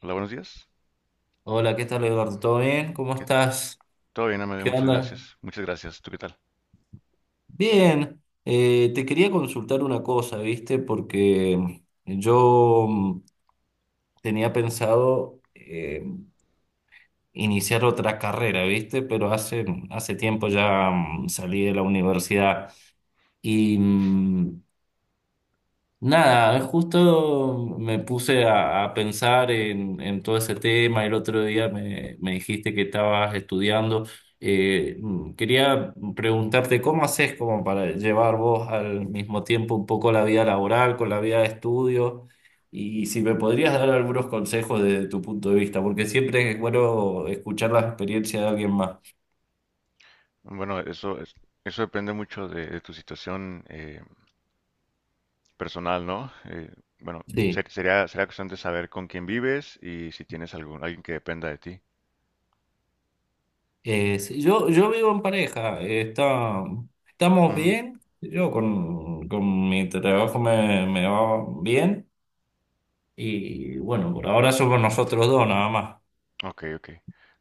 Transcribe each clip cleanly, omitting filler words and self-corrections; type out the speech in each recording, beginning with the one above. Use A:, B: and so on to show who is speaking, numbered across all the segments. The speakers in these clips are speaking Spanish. A: Hola, buenos días.
B: Hola, ¿qué tal Eduardo? ¿Todo bien? ¿Cómo
A: ¿Qué-
B: estás?
A: Todo bien, Amelia,
B: ¿Qué
A: muchas
B: onda?
A: gracias. Muchas gracias. ¿Tú qué tal?
B: Bien, te quería consultar una cosa, ¿viste? Porque yo tenía pensado iniciar otra carrera, ¿viste? Pero hace tiempo ya, salí de la universidad y nada, justo me puse a pensar en todo ese tema. El otro día me dijiste que estabas estudiando. Quería preguntarte cómo haces como para llevar vos al mismo tiempo un poco la vida laboral con la vida de estudio, y si me podrías dar algunos consejos desde tu punto de vista, porque siempre es bueno escuchar la experiencia de alguien más.
A: Bueno, eso depende mucho de tu situación personal, ¿no? Bueno,
B: Sí.
A: sería cuestión de saber con quién vives y si tienes alguien que dependa de ti.
B: Sí, yo vivo en pareja, estamos
A: Mm,
B: bien, yo con mi trabajo me va bien, y bueno, por ahora somos nosotros dos nada más.
A: ok, ok.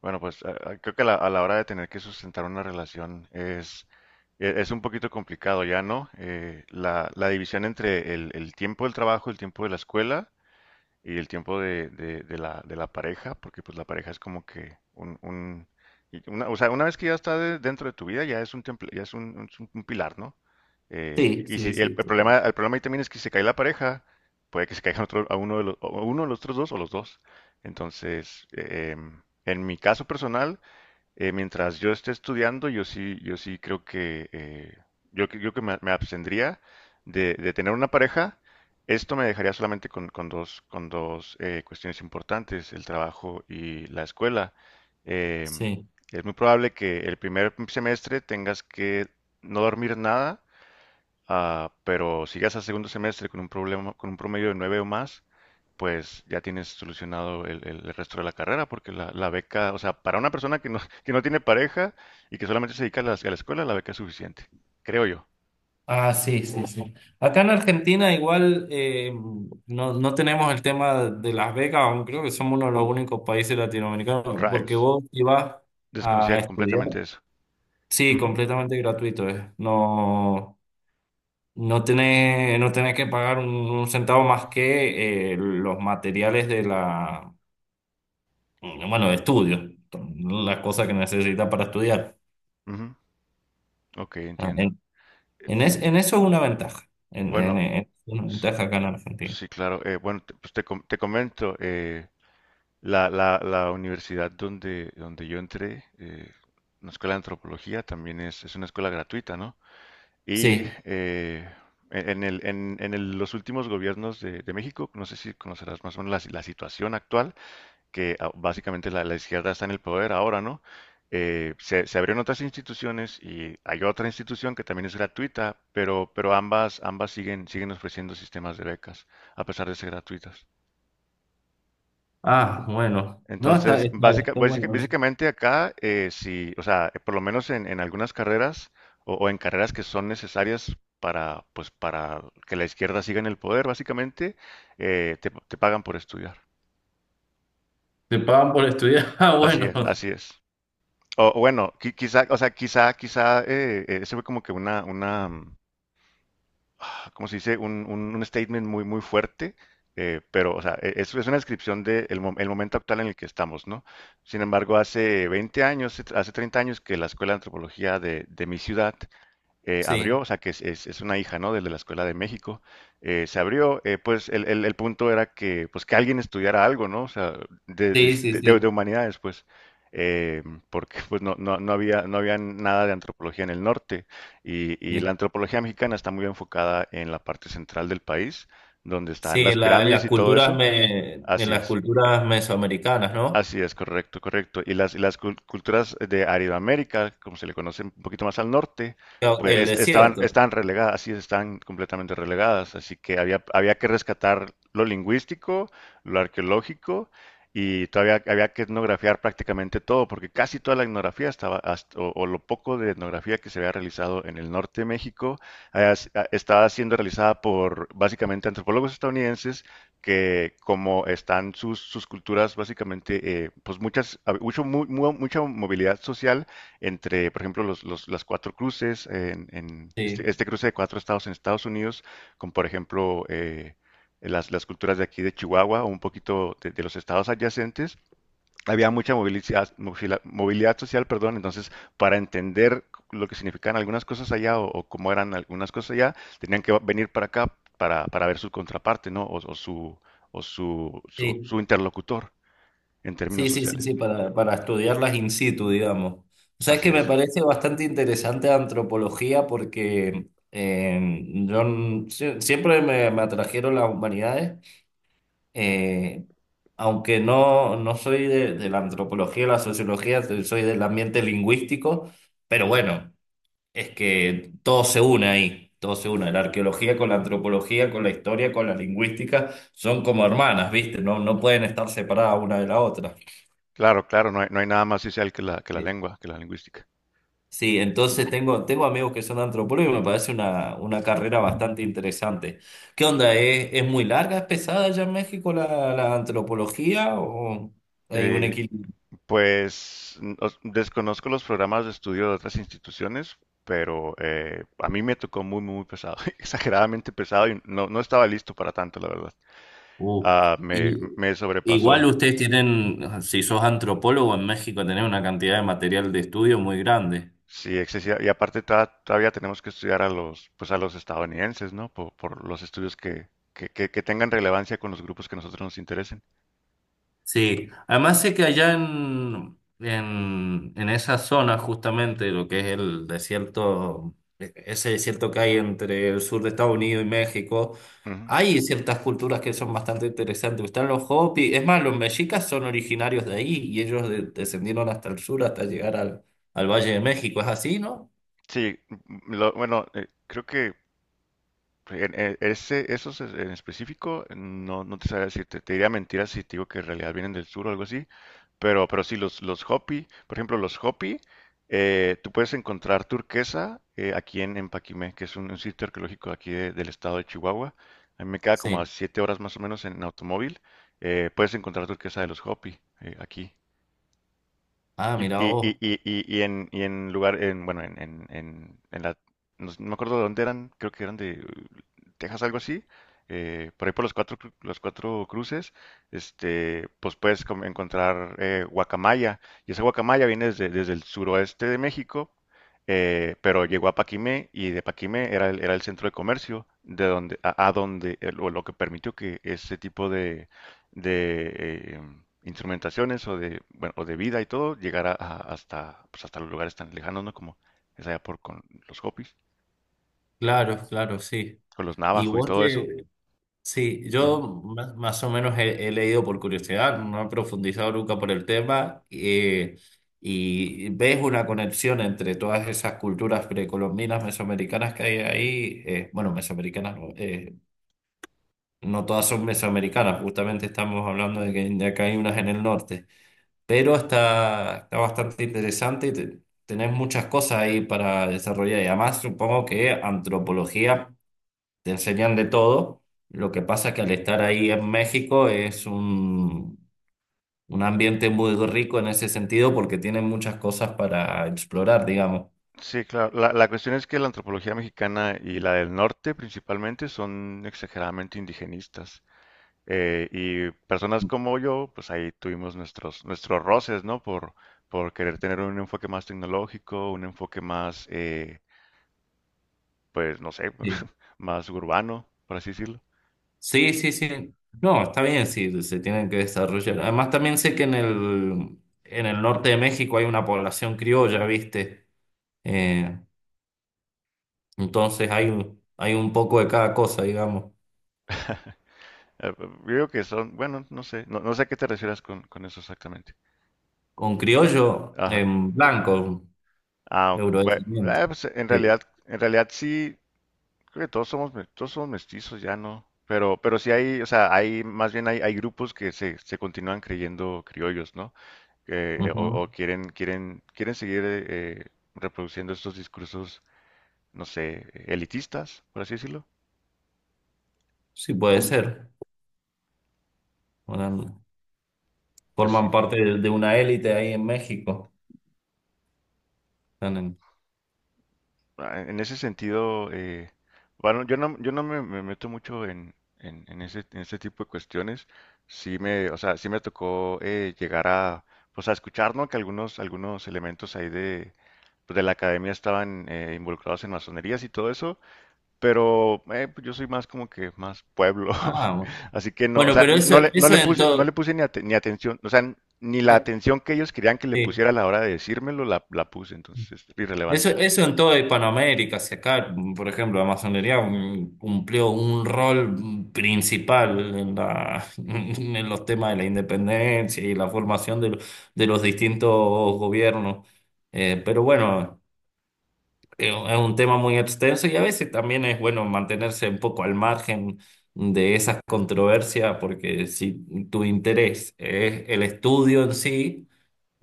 A: Bueno, pues creo que a la hora de tener que sustentar una relación es, es un poquito complicado ya, ¿no? La división entre el tiempo del trabajo, el tiempo de la escuela y el tiempo de la pareja, porque pues la pareja es como que y una, o sea, una vez que ya está dentro de tu vida, ya es un un pilar, ¿no?
B: Sí,
A: Y si
B: sí,
A: el
B: sí, total.
A: problema, el problema ahí también es que si se cae la pareja, puede que se caiga otro, a uno de los otros dos o los dos. Entonces, en mi caso personal, mientras yo esté estudiando, yo sí creo que yo que me abstendría de tener una pareja. Esto me dejaría solamente con dos cuestiones importantes, el trabajo y la escuela. Em,
B: Sí.
A: es muy probable que el primer semestre tengas que no dormir nada. Ah, pero si llegas al segundo semestre con un problema, con un promedio de 9 o más, pues ya tienes solucionado el resto de la carrera, porque la beca, o sea, para una persona que no, que no tiene pareja y que solamente se dedica a la escuela, la beca es suficiente, creo yo.
B: Ah, sí, sí, sí. Acá en Argentina igual, no, no tenemos el tema de las becas, aunque creo que somos uno de los únicos países latinoamericanos, porque
A: Rayos,
B: vos ibas a
A: desconocía
B: estudiar.
A: completamente eso.
B: Sí,
A: Ujú,
B: completamente gratuito, es. No. No tenés, no tenés que pagar un centavo más que los materiales de la, bueno, de estudio, las cosas que necesitas para estudiar.
A: ujú, ok,
B: Ah,
A: entiendo.
B: En, en
A: Mm,
B: es- en eso es una ventaja,
A: Bueno,
B: una
A: s-
B: ventaja acá en Argentina.
A: sí, claro. Bueno, te comento, la universidad donde yo entré, una escuela de antropología, también es una escuela gratuita, ¿no? Y
B: Sí.
A: en el- los últimos gobiernos de México, no sé si conocerás más o menos la situación actual, que ah, básicamente la izquierda está en el poder ahora, ¿no? Se abrieron otras instituciones y hay otra institución que también es gratuita, pero ambas siguen, siguen ofreciendo sistemas de becas, a pesar de ser gratuitas.
B: Ah, bueno. No,
A: Entonces,
B: está bueno eso.
A: básicamente acá, si, o sea, por lo menos en algunas carreras o en carreras que son necesarias para, pues, para que la izquierda siga en el poder, básicamente, te pagan por estudiar.
B: Te pagan por estudiar. Ah,
A: Así
B: bueno.
A: es, así es. O bueno, quizá, o sea, quizá, ese fue como que una, ¿cómo se dice? Un statement muy, muy fuerte, pero, o sea, es una descripción del momento actual en el que estamos, ¿no? Sin embargo, hace 20 años, hace 30 años que la Escuela de Antropología de mi ciudad abrió,
B: Sí,
A: o sea que es, es una hija, ¿no? Del De la Escuela de México, se abrió, pues el punto era que, pues que alguien estudiara algo, ¿no? O sea,
B: sí, sí,
A: de
B: sí.
A: humanidades, pues, eh, porque pues no había, no había nada de antropología en el norte y la
B: Sí,
A: antropología mexicana está muy enfocada en la parte central del país, donde
B: sí,
A: están las
B: en
A: pirámides
B: las
A: y todo eso,
B: en
A: así
B: las
A: es.
B: culturas mesoamericanas, ¿no?
A: Así es, correcto, correcto. Y culturas de Aridoamérica, como se le conoce un poquito más al norte, pues
B: El desierto.
A: estaban relegadas, así es, estaban completamente relegadas. Así que había que rescatar lo lingüístico, lo arqueológico, y todavía había que etnografiar prácticamente todo, porque casi toda la etnografía estaba, o lo poco de etnografía que se había realizado en el norte de México, estaba siendo realizada por básicamente antropólogos estadounidenses que como están sus culturas, básicamente, pues muchas, a- mucho, mu- mu- mucha movilidad social entre, por ejemplo, las cuatro cruces,
B: Sí.
A: este cruce de cuatro estados en Estados Unidos, con, por ejemplo, las culturas de aquí de Chihuahua o un poquito de los estados adyacentes, había mucha movilidad, movilidad social, perdón, entonces para entender lo que significaban algunas cosas allá o cómo eran algunas cosas allá, tenían que venir para acá para ver su contraparte, ¿no? O
B: Sí.
A: su interlocutor en términos
B: Sí, sí, sí, sí,
A: sociales.
B: para estudiarlas in situ, digamos. O sea, es
A: Así
B: que me
A: es.
B: parece bastante interesante antropología, porque siempre me atrajeron las humanidades, eh, aunque no, no soy de la antropología, la sociología, soy del ambiente lingüístico, pero bueno, es que todo se une ahí, todo se une, la arqueología con la antropología, con la historia, con la lingüística, son como hermanas, ¿viste? No, no pueden estar separadas una de la otra.
A: Claro, claro, no hay nada más social que la lengua, que la lingüística.
B: Sí, entonces tengo, tengo amigos que son antropólogos y me parece una carrera bastante interesante. ¿Qué onda? Es muy larga, es pesada allá en México la, la antropología o hay un
A: Eh,
B: equilibrio?
A: Pues desconozco los programas de estudio de otras instituciones, pero a mí me tocó muy pesado, exageradamente pesado y no, no estaba listo para tanto, la verdad.
B: Uh,
A: Ah,
B: y
A: me
B: igual
A: sobrepasó.
B: ustedes tienen, si sos antropólogo en México, tenés una cantidad de material de estudio muy grande.
A: Sí, excesiva. Y aparte todavía tenemos que estudiar a los, pues a los estadounidenses, ¿no? Por los estudios que tengan relevancia con los grupos que a nosotros nos interesen.
B: Sí, además sé que allá en esa zona, justamente lo que es el desierto, ese desierto que hay entre el sur de Estados Unidos y México,
A: Ujú.
B: hay ciertas culturas que son bastante interesantes. Están los Hopi, es más, los mexicas son originarios de ahí y ellos descendieron hasta el sur hasta llegar al, al Valle de México, ¿es así, no?
A: Sí, bueno, creo que ese, en específico, no, no te sabría decir, te diría mentiras si te digo que en realidad vienen del sur o algo así, pero sí, los Hopi, por ejemplo, los Hopi, tú puedes encontrar turquesa aquí en Paquimé, que es un sitio arqueológico aquí del estado de Chihuahua. A mí me queda como a
B: Sí.
A: 7 horas más o menos en automóvil, puedes encontrar turquesa de los Hopi aquí.
B: Ah, mira vos,
A: Y en lugar, en, bueno, en la, no me acuerdo de dónde eran, creo que eran de Texas, algo así, por ahí por los cuatro, cru- los cuatro cruces, este, pues puedes encontrar guacamaya, y esa guacamaya viene desde el suroeste de México, pero llegó a Paquimé, y de Paquimé era era el centro de comercio, de donde, a donde, o lo que permitió que ese tipo de instrumentaciones o de, bueno, o de vida y todo, llegar hasta, pues, hasta los lugares tan lejanos, ¿no? Como es allá por con los Hopis,
B: claro, claro, sí.
A: con los
B: ¿Y
A: Navajo y
B: vos
A: todo eso.
B: te, sí, yo
A: Ujú.
B: más, más o menos he, he leído por curiosidad, no he profundizado nunca por el tema, y ves una conexión entre todas esas culturas precolombinas, mesoamericanas que hay ahí, bueno, mesoamericanas, no, no todas son mesoamericanas, justamente estamos hablando de que de acá hay unas en el norte, pero está, está bastante interesante y tenés muchas cosas ahí para desarrollar, y además supongo que antropología te enseñan de todo. Lo que pasa es que al estar ahí en México es un ambiente muy rico en ese sentido porque tienen muchas cosas para explorar, digamos.
A: Sí, claro. La cuestión es que la antropología mexicana y la del norte principalmente son exageradamente indigenistas. Y personas como yo, pues ahí tuvimos nuestros roces, ¿no? Por querer tener un enfoque más tecnológico, un enfoque más, pues no sé,
B: Sí,
A: más urbano, por así decirlo.
B: sí, sí. Sí. No, está bien, sí, se tienen que desarrollar. Además, también sé que en el norte de México hay una población criolla, ¿viste? Eh, entonces hay, hay un poco de cada cosa, digamos.
A: Eh, creo que son, bueno, no sé, no sé a qué te refieras con eso exactamente.
B: Con criollo,
A: Ajá.
B: en blanco, un
A: Ah, ok,
B: eurodescendiente.
A: pues,
B: Sí.
A: en realidad sí, creo que todos somos, todos somos mestizos, ya no. Pero sí hay, o sea, hay, más bien hay, hay grupos que se continúan creyendo criollos, ¿no?
B: Ujú.
A: Quieren seguir reproduciendo estos discursos, no sé, elitistas, por así decirlo.
B: Sí, puede ser. Bueno,
A: Así,
B: forman parte de una élite ahí en México. Están en...
A: ah, en ese sentido, bueno, yo no me meto mucho en ese tipo de cuestiones. Sí me tocó llegar a, pues a escuchar, ¿no? Que algunos, algunos elementos ahí de, pues, de la academia estaban involucrados en masonerías y todo eso, pero pues, yo soy más como que más pueblo,
B: Ah, bueno.
A: así que no, o
B: Bueno,
A: sea,
B: pero eso,
A: no
B: eso
A: le
B: en
A: puse, no le
B: todo,
A: puse ni, ni atención, o sea, ni la
B: eh,
A: atención que ellos querían que le
B: sí.
A: pusiera a la hora de decírmelo la puse, entonces es
B: Eso,
A: irrelevante.
B: eso en toda Hispanoamérica, si acá, por ejemplo, la masonería cumplió un rol, principal en la, en los temas de la independencia y la formación de, de los distintos gobiernos. Pero bueno. Es un tema muy extenso y a veces también es bueno mantenerse un poco al margen de esas controversias, porque si tu interés es el estudio en sí,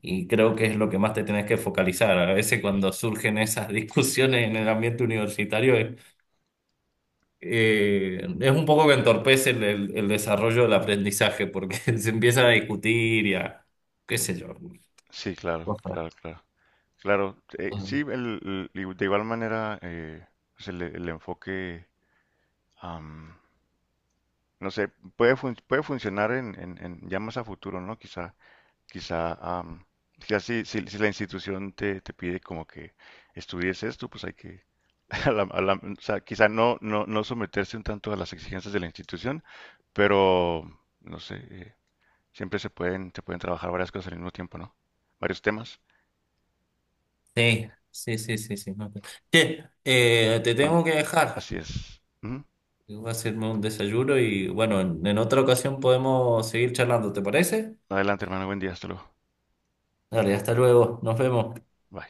B: y creo que es lo que más te tenés que focalizar. A veces cuando surgen esas discusiones en el ambiente universitario, es un poco que entorpece el desarrollo del aprendizaje, porque se empieza a discutir y a, qué sé yo,
A: Sí,
B: cosas.
A: claro. Claro, sí, de igual manera, pues el enfoque, am, no sé, puede, puede funcionar en ya más a futuro, ¿no? Quizá, quizá, am, quizá si la institución te pide como que estudies esto, pues hay que, a la- o sea, quizá no someterse un tanto a las exigencias de la institución, pero, no sé, siempre se pueden trabajar varias cosas al mismo tiempo, ¿no? Varios temas.
B: Sí, sí, sí, sí, sí. no te- Che, te tengo que dejar.
A: Así es. Ujú.
B: Voy a hacerme un desayuno y bueno, en otra ocasión podemos seguir charlando, ¿te parece?
A: Adelante, hermano. Buen día. Hasta luego.
B: Dale, hasta luego, nos vemos.
A: Bye.